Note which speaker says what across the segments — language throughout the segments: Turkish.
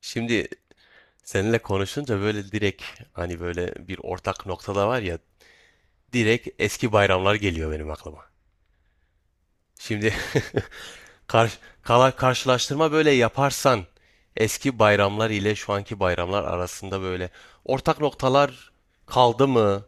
Speaker 1: Şimdi seninle konuşunca böyle direkt, hani böyle bir ortak noktada var ya, direkt eski bayramlar geliyor benim aklıma. Şimdi karşılaştırma böyle yaparsan, eski bayramlar ile şu anki bayramlar arasında böyle ortak noktalar kaldı mı?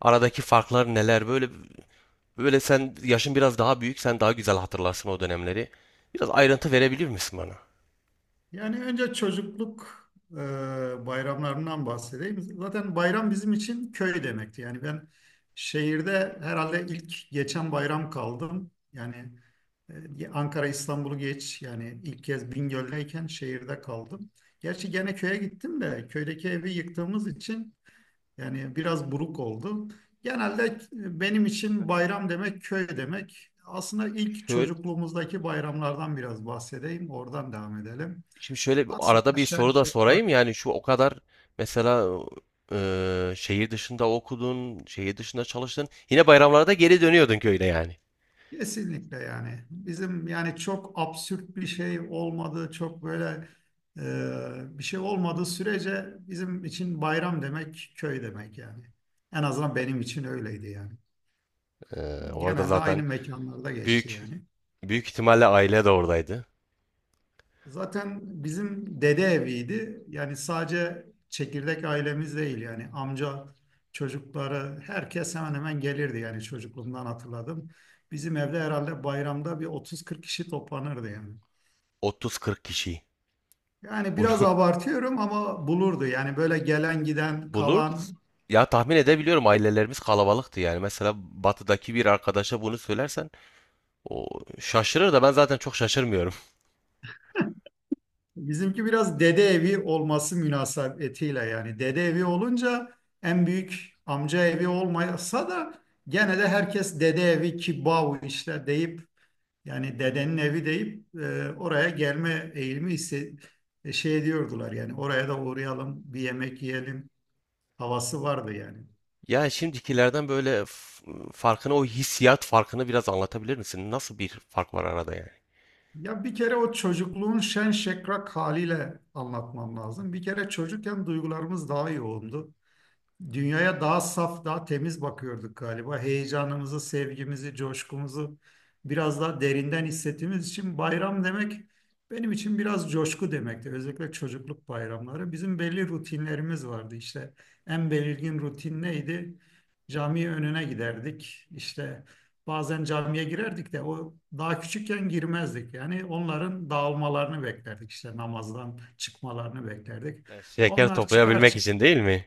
Speaker 1: Aradaki farklar neler? Böyle sen yaşın biraz daha büyük, sen daha güzel hatırlarsın o dönemleri. Biraz ayrıntı verebilir misin bana?
Speaker 2: Yani önce çocukluk bayramlarından bahsedeyim. Zaten bayram bizim için köy demekti. Yani ben şehirde herhalde ilk geçen bayram kaldım. Yani Ankara, İstanbul'u geç. Yani ilk kez Bingöl'deyken şehirde kaldım. Gerçi gene köye gittim de köydeki evi yıktığımız için yani biraz buruk oldu. Genelde benim için bayram demek köy demek. Aslında ilk
Speaker 1: Şöyle,
Speaker 2: çocukluğumuzdaki bayramlardan biraz bahsedeyim. Oradan devam edelim.
Speaker 1: Şimdi
Speaker 2: Aslında
Speaker 1: arada bir
Speaker 2: aşağı
Speaker 1: soru da
Speaker 2: yukarı bak,
Speaker 1: sorayım, yani şu o kadar mesela, şehir dışında okudun, şehir dışında çalıştın. Yine bayramlarda geri dönüyordun köyüne yani.
Speaker 2: kesinlikle yani bizim, yani çok absürt bir şey olmadığı, çok böyle bir şey olmadığı sürece bizim için bayram demek köy demek yani. En azından benim için öyleydi yani.
Speaker 1: E, Orada
Speaker 2: Genelde
Speaker 1: zaten
Speaker 2: aynı mekanlarda geçti
Speaker 1: büyük
Speaker 2: yani.
Speaker 1: büyük ihtimalle aile de oradaydı.
Speaker 2: Zaten bizim dede eviydi. Yani sadece çekirdek ailemiz değil, yani amca çocukları herkes hemen hemen gelirdi yani, çocukluğumdan hatırladım. Bizim evde herhalde bayramda bir 30-40 kişi toplanırdı yani.
Speaker 1: 30-40 kişi
Speaker 2: Yani
Speaker 1: bunu
Speaker 2: biraz abartıyorum ama bulurdu yani, böyle gelen giden
Speaker 1: bulurdu.
Speaker 2: kalan,
Speaker 1: Ya tahmin edebiliyorum, ailelerimiz kalabalıktı yani. Mesela batıdaki bir arkadaşa bunu söylersen o şaşırır da, ben zaten çok şaşırmıyorum.
Speaker 2: bizimki biraz dede evi olması münasebetiyle. Yani dede evi olunca, en büyük amca evi olmasa da gene de herkes dede evi kibav işte deyip, yani dedenin evi deyip oraya gelme eğilimi şey diyordular. Yani oraya da uğrayalım, bir yemek yiyelim havası vardı yani.
Speaker 1: Ya şimdikilerden böyle farkını, o hissiyat farkını biraz anlatabilir misin? Nasıl bir fark var arada yani?
Speaker 2: Ya bir kere o çocukluğun şen şakrak haliyle anlatmam lazım. Bir kere çocukken duygularımız daha yoğundu. Dünyaya daha saf, daha temiz bakıyorduk galiba. Heyecanımızı, sevgimizi, coşkumuzu biraz daha derinden hissettiğimiz için bayram demek benim için biraz coşku demekti. Özellikle çocukluk bayramları. Bizim belli rutinlerimiz vardı işte. En belirgin rutin neydi? Cami önüne giderdik. İşte bazen camiye girerdik de, o daha küçükken girmezdik. Yani onların dağılmalarını beklerdik. İşte namazdan çıkmalarını beklerdik.
Speaker 1: Şeker
Speaker 2: Onlar çıkar
Speaker 1: toplayabilmek
Speaker 2: çıkmaz
Speaker 1: için değil mi?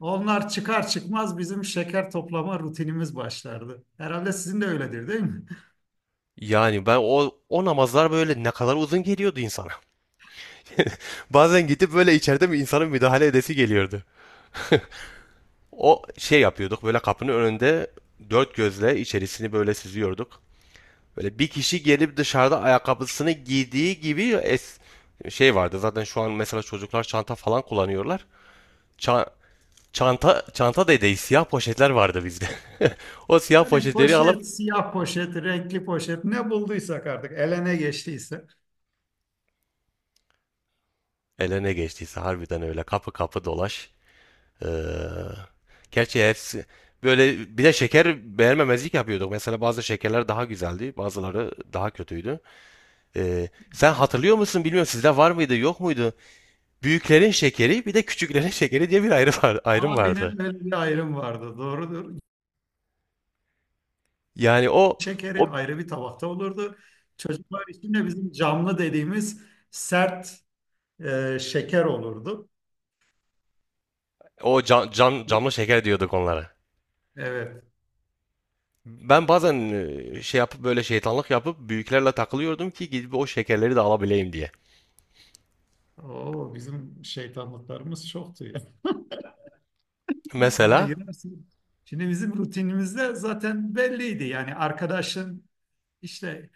Speaker 2: onlar çıkar çıkmaz bizim şeker toplama rutinimiz başlardı. Herhalde sizin de öyledir, değil mi?
Speaker 1: Yani ben, o namazlar böyle ne kadar uzun geliyordu insana. Bazen gidip böyle, içeride mi, insanın müdahale edesi geliyordu. O şey yapıyorduk böyle, kapının önünde dört gözle içerisini böyle süzüyorduk. Böyle bir kişi gelip dışarıda ayakkabısını giydiği gibi şey vardı. Zaten şu an mesela çocuklar çanta falan kullanıyorlar. Ça- çanta çanta dedeyi siyah poşetler vardı bizde. O siyah
Speaker 2: Yani
Speaker 1: poşetleri alıp,
Speaker 2: poşet, siyah poşet, renkli poşet, ne bulduysak artık elene geçtiyse.
Speaker 1: eline geçtiyse harbiden, öyle kapı kapı dolaş. Ee, Gerçi hepsi böyle, bir de şeker beğenmemezlik yapıyorduk. Mesela bazı şekerler daha güzeldi, bazıları daha kötüydü. Sen hatırlıyor musun, bilmiyorum, sizde var mıydı, yok muydu? Büyüklerin şekeri bir de küçüklerin şekeri diye bir ayrım vardı.
Speaker 2: Aynen, böyle bir ayrım vardı. Doğrudur.
Speaker 1: Yani o
Speaker 2: Şekeri
Speaker 1: o
Speaker 2: ayrı bir tabakta olurdu. Çocuklar için de bizim camlı dediğimiz sert şeker olurdu.
Speaker 1: o camlı şeker diyorduk onlara.
Speaker 2: Evet.
Speaker 1: Ben bazen şey yapıp, böyle şeytanlık yapıp büyüklerle takılıyordum ki, gidip o şekerleri de alabileyim diye.
Speaker 2: Oo, bizim şeytanlıklarımız çoktu ya. Bana
Speaker 1: Mesela,
Speaker 2: girersin. Şimdi bizim rutinimizde zaten belliydi. Yani arkadaşın, İşte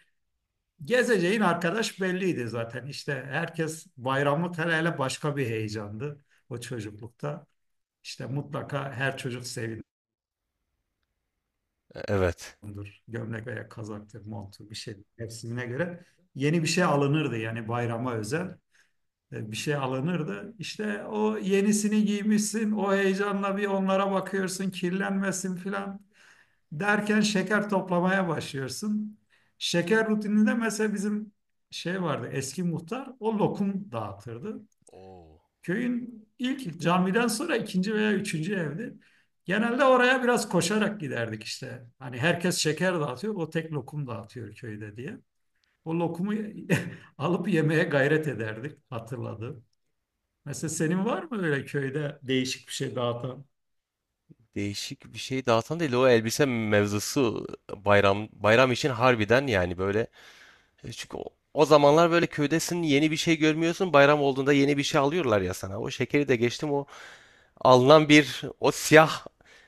Speaker 2: gezeceğin arkadaş belliydi zaten. İşte herkes bayramlık, hele hele başka bir heyecandı o çocuklukta. İşte mutlaka her çocuk sevinir.
Speaker 1: evet.
Speaker 2: Gömlek veya kazaktır, montu, bir şey mevsimine göre. Yeni bir şey alınırdı yani, bayrama özel bir şey alınırdı. İşte o yenisini giymişsin, o heyecanla bir onlara bakıyorsun, kirlenmesin filan. Derken şeker toplamaya başlıyorsun. Şeker rutininde mesela bizim şey vardı, eski muhtar o lokum dağıtırdı.
Speaker 1: Oo.
Speaker 2: Köyün ilk camiden sonra ikinci veya üçüncü evdi. Genelde oraya biraz koşarak giderdik işte. Hani herkes şeker dağıtıyor, o tek lokum dağıtıyor köyde diye. O lokumu alıp yemeye gayret ederdik, hatırladım. Mesela senin var mı öyle köyde değişik bir şey dağıtan?
Speaker 1: Değişik bir şey dağıtan değil, o elbise mevzusu bayram için harbiden yani böyle. Çünkü o zamanlar böyle köydesin, yeni bir şey görmüyorsun, bayram olduğunda yeni bir şey alıyorlar ya sana. O şekeri de geçtim, o alınan bir, o siyah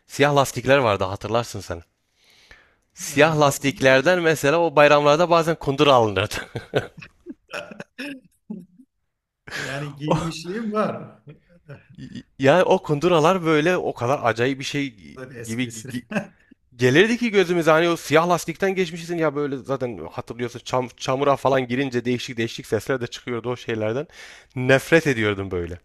Speaker 1: siyah lastikler vardı, hatırlarsın sen. Siyah
Speaker 2: Hatırlar
Speaker 1: lastiklerden mesela o bayramlarda bazen kundur alınırdı.
Speaker 2: yani giymişliğim var,
Speaker 1: Ya o kunduralar böyle o kadar acayip bir şey
Speaker 2: bir
Speaker 1: gibi
Speaker 2: esprisine.
Speaker 1: gelirdi ki gözümüze, hani o siyah lastikten geçmişsin ya böyle, zaten hatırlıyorsun çamura falan girince değişik değişik sesler de çıkıyordu o şeylerden. Nefret ediyordum böyle.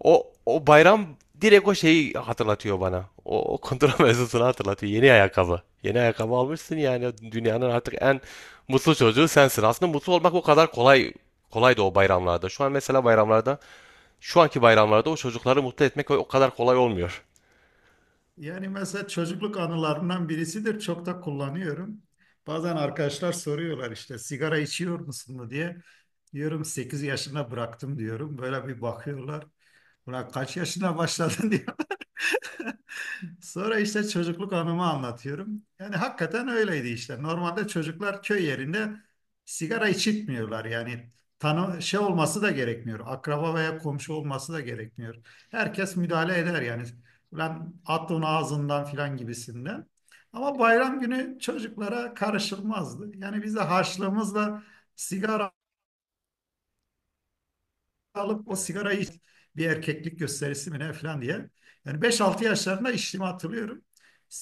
Speaker 1: O bayram direkt o şeyi hatırlatıyor bana. O kundura mevzusunu hatırlatıyor. Yeni ayakkabı. Yeni ayakkabı almışsın yani, dünyanın artık en mutlu çocuğu sensin. Aslında mutlu olmak o kadar kolaydı o bayramlarda. Şu an mesela şu anki bayramlarda o çocukları mutlu etmek o kadar kolay olmuyor.
Speaker 2: Yani mesela çocukluk anılarından birisidir. Çok da kullanıyorum. Bazen arkadaşlar soruyorlar işte, sigara içiyor musun mu diye. Diyorum 8 yaşında bıraktım diyorum. Böyle bir bakıyorlar. Buna kaç yaşına başladın diye. Sonra işte çocukluk anımı anlatıyorum. Yani hakikaten öyleydi işte. Normalde çocuklar köy yerinde sigara içitmiyorlar. Yani tanı şey olması da gerekmiyor. Akraba veya komşu olması da gerekmiyor. Herkes müdahale eder yani. Ulan at onu ağzından filan gibisinden. Ama bayram günü çocuklara karışılmazdı. Yani biz de harçlığımızla sigara alıp, o
Speaker 1: Evet.
Speaker 2: sigarayı bir erkeklik gösterisi mi ne falan diye. Yani 5-6 yaşlarında içtiğimi hatırlıyorum.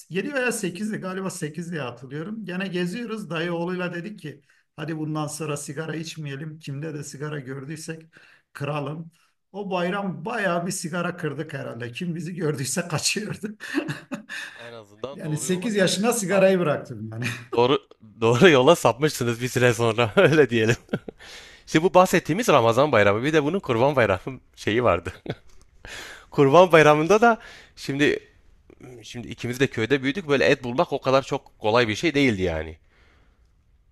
Speaker 2: Yedi veya 8'di galiba, 8 diye hatırlıyorum. Gene geziyoruz dayı oğluyla, dedik ki hadi bundan sonra sigara içmeyelim. Kimde de sigara gördüysek kıralım. O bayram bayağı bir sigara kırdık herhalde. Kim bizi gördüyse kaçıyordu.
Speaker 1: En azından
Speaker 2: Yani 8 yaşına
Speaker 1: sa-
Speaker 2: sigarayı bıraktım yani.
Speaker 1: doğru doğru yola sapmışsınız bir süre sonra öyle diyelim. Şimdi bu bahsettiğimiz Ramazan Bayramı, bir de bunun Kurban Bayramı şeyi vardı. Kurban Bayramı'nda da şimdi şimdi ikimiz de köyde büyüdük, böyle et bulmak o kadar çok kolay bir şey değildi yani.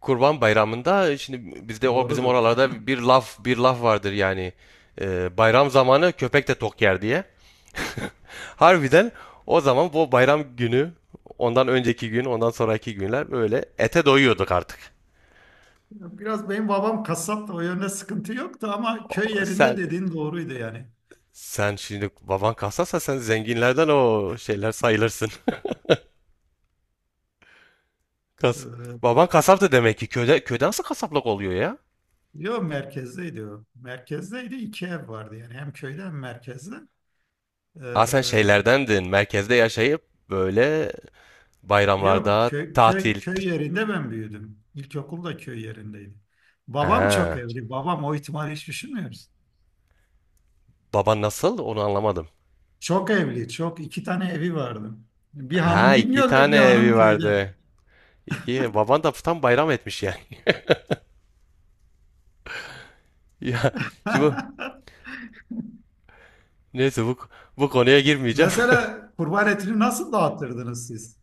Speaker 1: Kurban Bayramı'nda şimdi bizde, o bizim
Speaker 2: Doğrudur.
Speaker 1: oralarda bir laf vardır yani. Bayram zamanı köpek de tok yer diye. Harbiden o zaman bu bayram günü, ondan önceki gün, ondan sonraki günler böyle ete doyuyorduk artık.
Speaker 2: Biraz benim babam kasap da o yönde sıkıntı yoktu, ama köy
Speaker 1: O-
Speaker 2: yerinde
Speaker 1: Sen
Speaker 2: dediğin doğruydu yani.
Speaker 1: sen şimdi baban kasapsa sen zenginlerden o şeyler sayılırsın. Kas.
Speaker 2: Ee,
Speaker 1: Baban kasaptı demek ki, köyde nasıl kasaplık oluyor ya?
Speaker 2: Yok, merkezdeydi o. Merkezdeydi, iki ev vardı yani, hem köyde hem merkezde.
Speaker 1: Aa, sen
Speaker 2: Ee,
Speaker 1: şeylerdendin. Merkezde yaşayıp böyle,
Speaker 2: yok
Speaker 1: bayramlarda
Speaker 2: köy, köy,
Speaker 1: tatil.
Speaker 2: köy yerinde ben büyüdüm. İlkokul da köy yerindeydi. Babam çok
Speaker 1: Ha.
Speaker 2: evli. Babam, o ihtimali hiç düşünmüyoruz.
Speaker 1: Baban nasıl? Onu anlamadım.
Speaker 2: Çok evli. Çok, iki tane evi vardı. Bir
Speaker 1: Ha,
Speaker 2: hanım
Speaker 1: iki
Speaker 2: Bingöl'de,
Speaker 1: tane
Speaker 2: bir hanım
Speaker 1: evi
Speaker 2: köyde.
Speaker 1: vardı. İki. Baban da tam bayram etmiş yani. Ya, şimdi bu- neyse, bu konuya girmeyeceğim.
Speaker 2: Mesela kurban etini nasıl dağıtırdınız siz?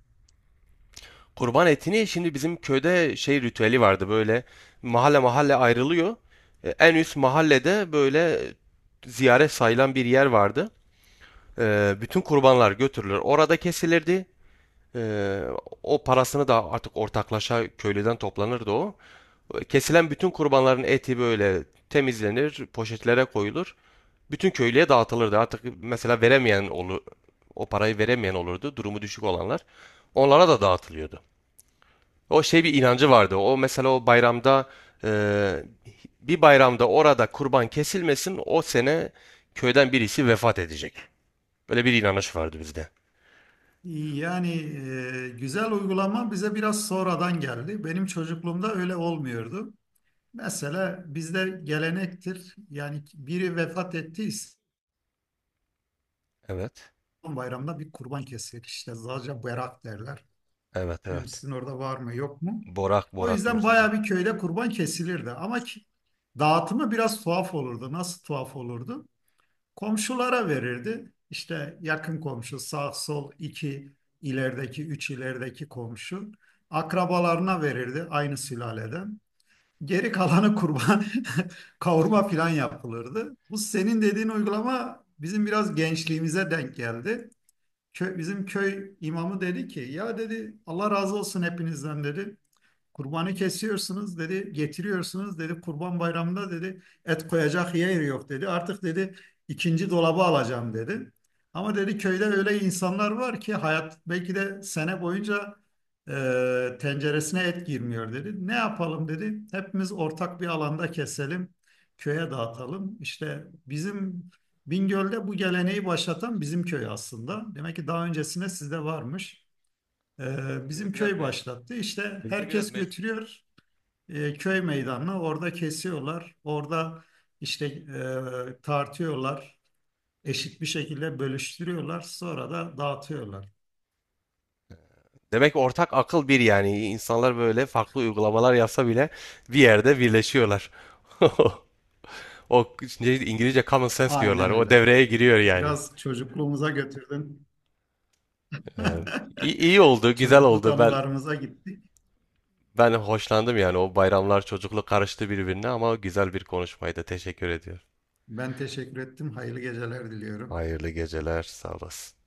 Speaker 1: Kurban etini, şimdi bizim köyde şey ritüeli vardı böyle, mahalle mahalle ayrılıyor. En üst mahallede böyle ziyaret sayılan bir yer vardı. Bütün kurbanlar götürülür, orada kesilirdi. E, O parasını da artık ortaklaşa köylüden toplanırdı o. Kesilen bütün kurbanların eti böyle temizlenir, poşetlere koyulur. Bütün köylüye dağıtılırdı. Artık mesela veremeyen olur, o parayı veremeyen olurdu. Durumu düşük olanlar. Onlara da dağıtılıyordu. O şey, bir inancı vardı. O mesela e, bir bayramda orada kurban kesilmesin, o sene köyden birisi vefat edecek. Böyle bir inanış vardı bizde.
Speaker 2: Yani güzel uygulama bize biraz sonradan geldi. Benim çocukluğumda öyle olmuyordu. Mesela bizde gelenektir. Yani biri vefat ettiyse
Speaker 1: Evet.
Speaker 2: son bayramda bir kurban kesilir. İşte sadece berak derler.
Speaker 1: Evet,
Speaker 2: Bilmiyorum
Speaker 1: evet.
Speaker 2: sizin orada var mı yok mu?
Speaker 1: Borak
Speaker 2: O
Speaker 1: borak
Speaker 2: yüzden
Speaker 1: diyoruz bize.
Speaker 2: bayağı bir köyde kurban kesilirdi. Ama dağıtımı biraz tuhaf olurdu. Nasıl tuhaf olurdu? Komşulara verirdi. İşte yakın komşu, sağ sol iki ilerideki, üç ilerideki komşu. Akrabalarına verirdi, aynı sülaleden. Geri kalanı kurban, kavurma filan yapılırdı. Bu senin dediğin uygulama bizim biraz gençliğimize denk geldi. Bizim köy imamı dedi ki, ya dedi, Allah razı olsun hepinizden dedi. Kurbanı kesiyorsunuz dedi, getiriyorsunuz dedi. Kurban bayramında dedi et koyacak yer yok dedi. Artık dedi ikinci dolabı alacağım dedi. Ama dedi, köyde öyle insanlar var ki hayat belki de sene boyunca tenceresine et girmiyor dedi. Ne yapalım dedi. Hepimiz ortak bir alanda keselim, köye dağıtalım. İşte bizim Bingöl'de bu geleneği başlatan bizim köy aslında. Demek ki daha öncesinde sizde varmış. Bizim köy başlattı. İşte herkes götürüyor köy meydanına. Orada kesiyorlar. Orada işte tartıyorlar. Eşit bir şekilde bölüştürüyorlar. Sonra da dağıtıyorlar.
Speaker 1: Demek ortak akıl bir yani. İnsanlar böyle farklı uygulamalar yapsa bile bir yerde birleşiyorlar. O, İngilizce common sense diyorlar.
Speaker 2: Aynen
Speaker 1: O
Speaker 2: öyle.
Speaker 1: devreye giriyor yani.
Speaker 2: Biraz çocukluğumuza götürdün.
Speaker 1: Evet. İyi, iyi oldu, güzel
Speaker 2: Çocukluk
Speaker 1: oldu. Ben
Speaker 2: anılarımıza gittik.
Speaker 1: ben hoşlandım yani. O bayramlar çocukluk karıştı birbirine ama güzel bir konuşmaydı. Teşekkür ediyorum.
Speaker 2: Ben teşekkür ettim. Hayırlı geceler diliyorum.
Speaker 1: Hayırlı geceler, sağ olasın.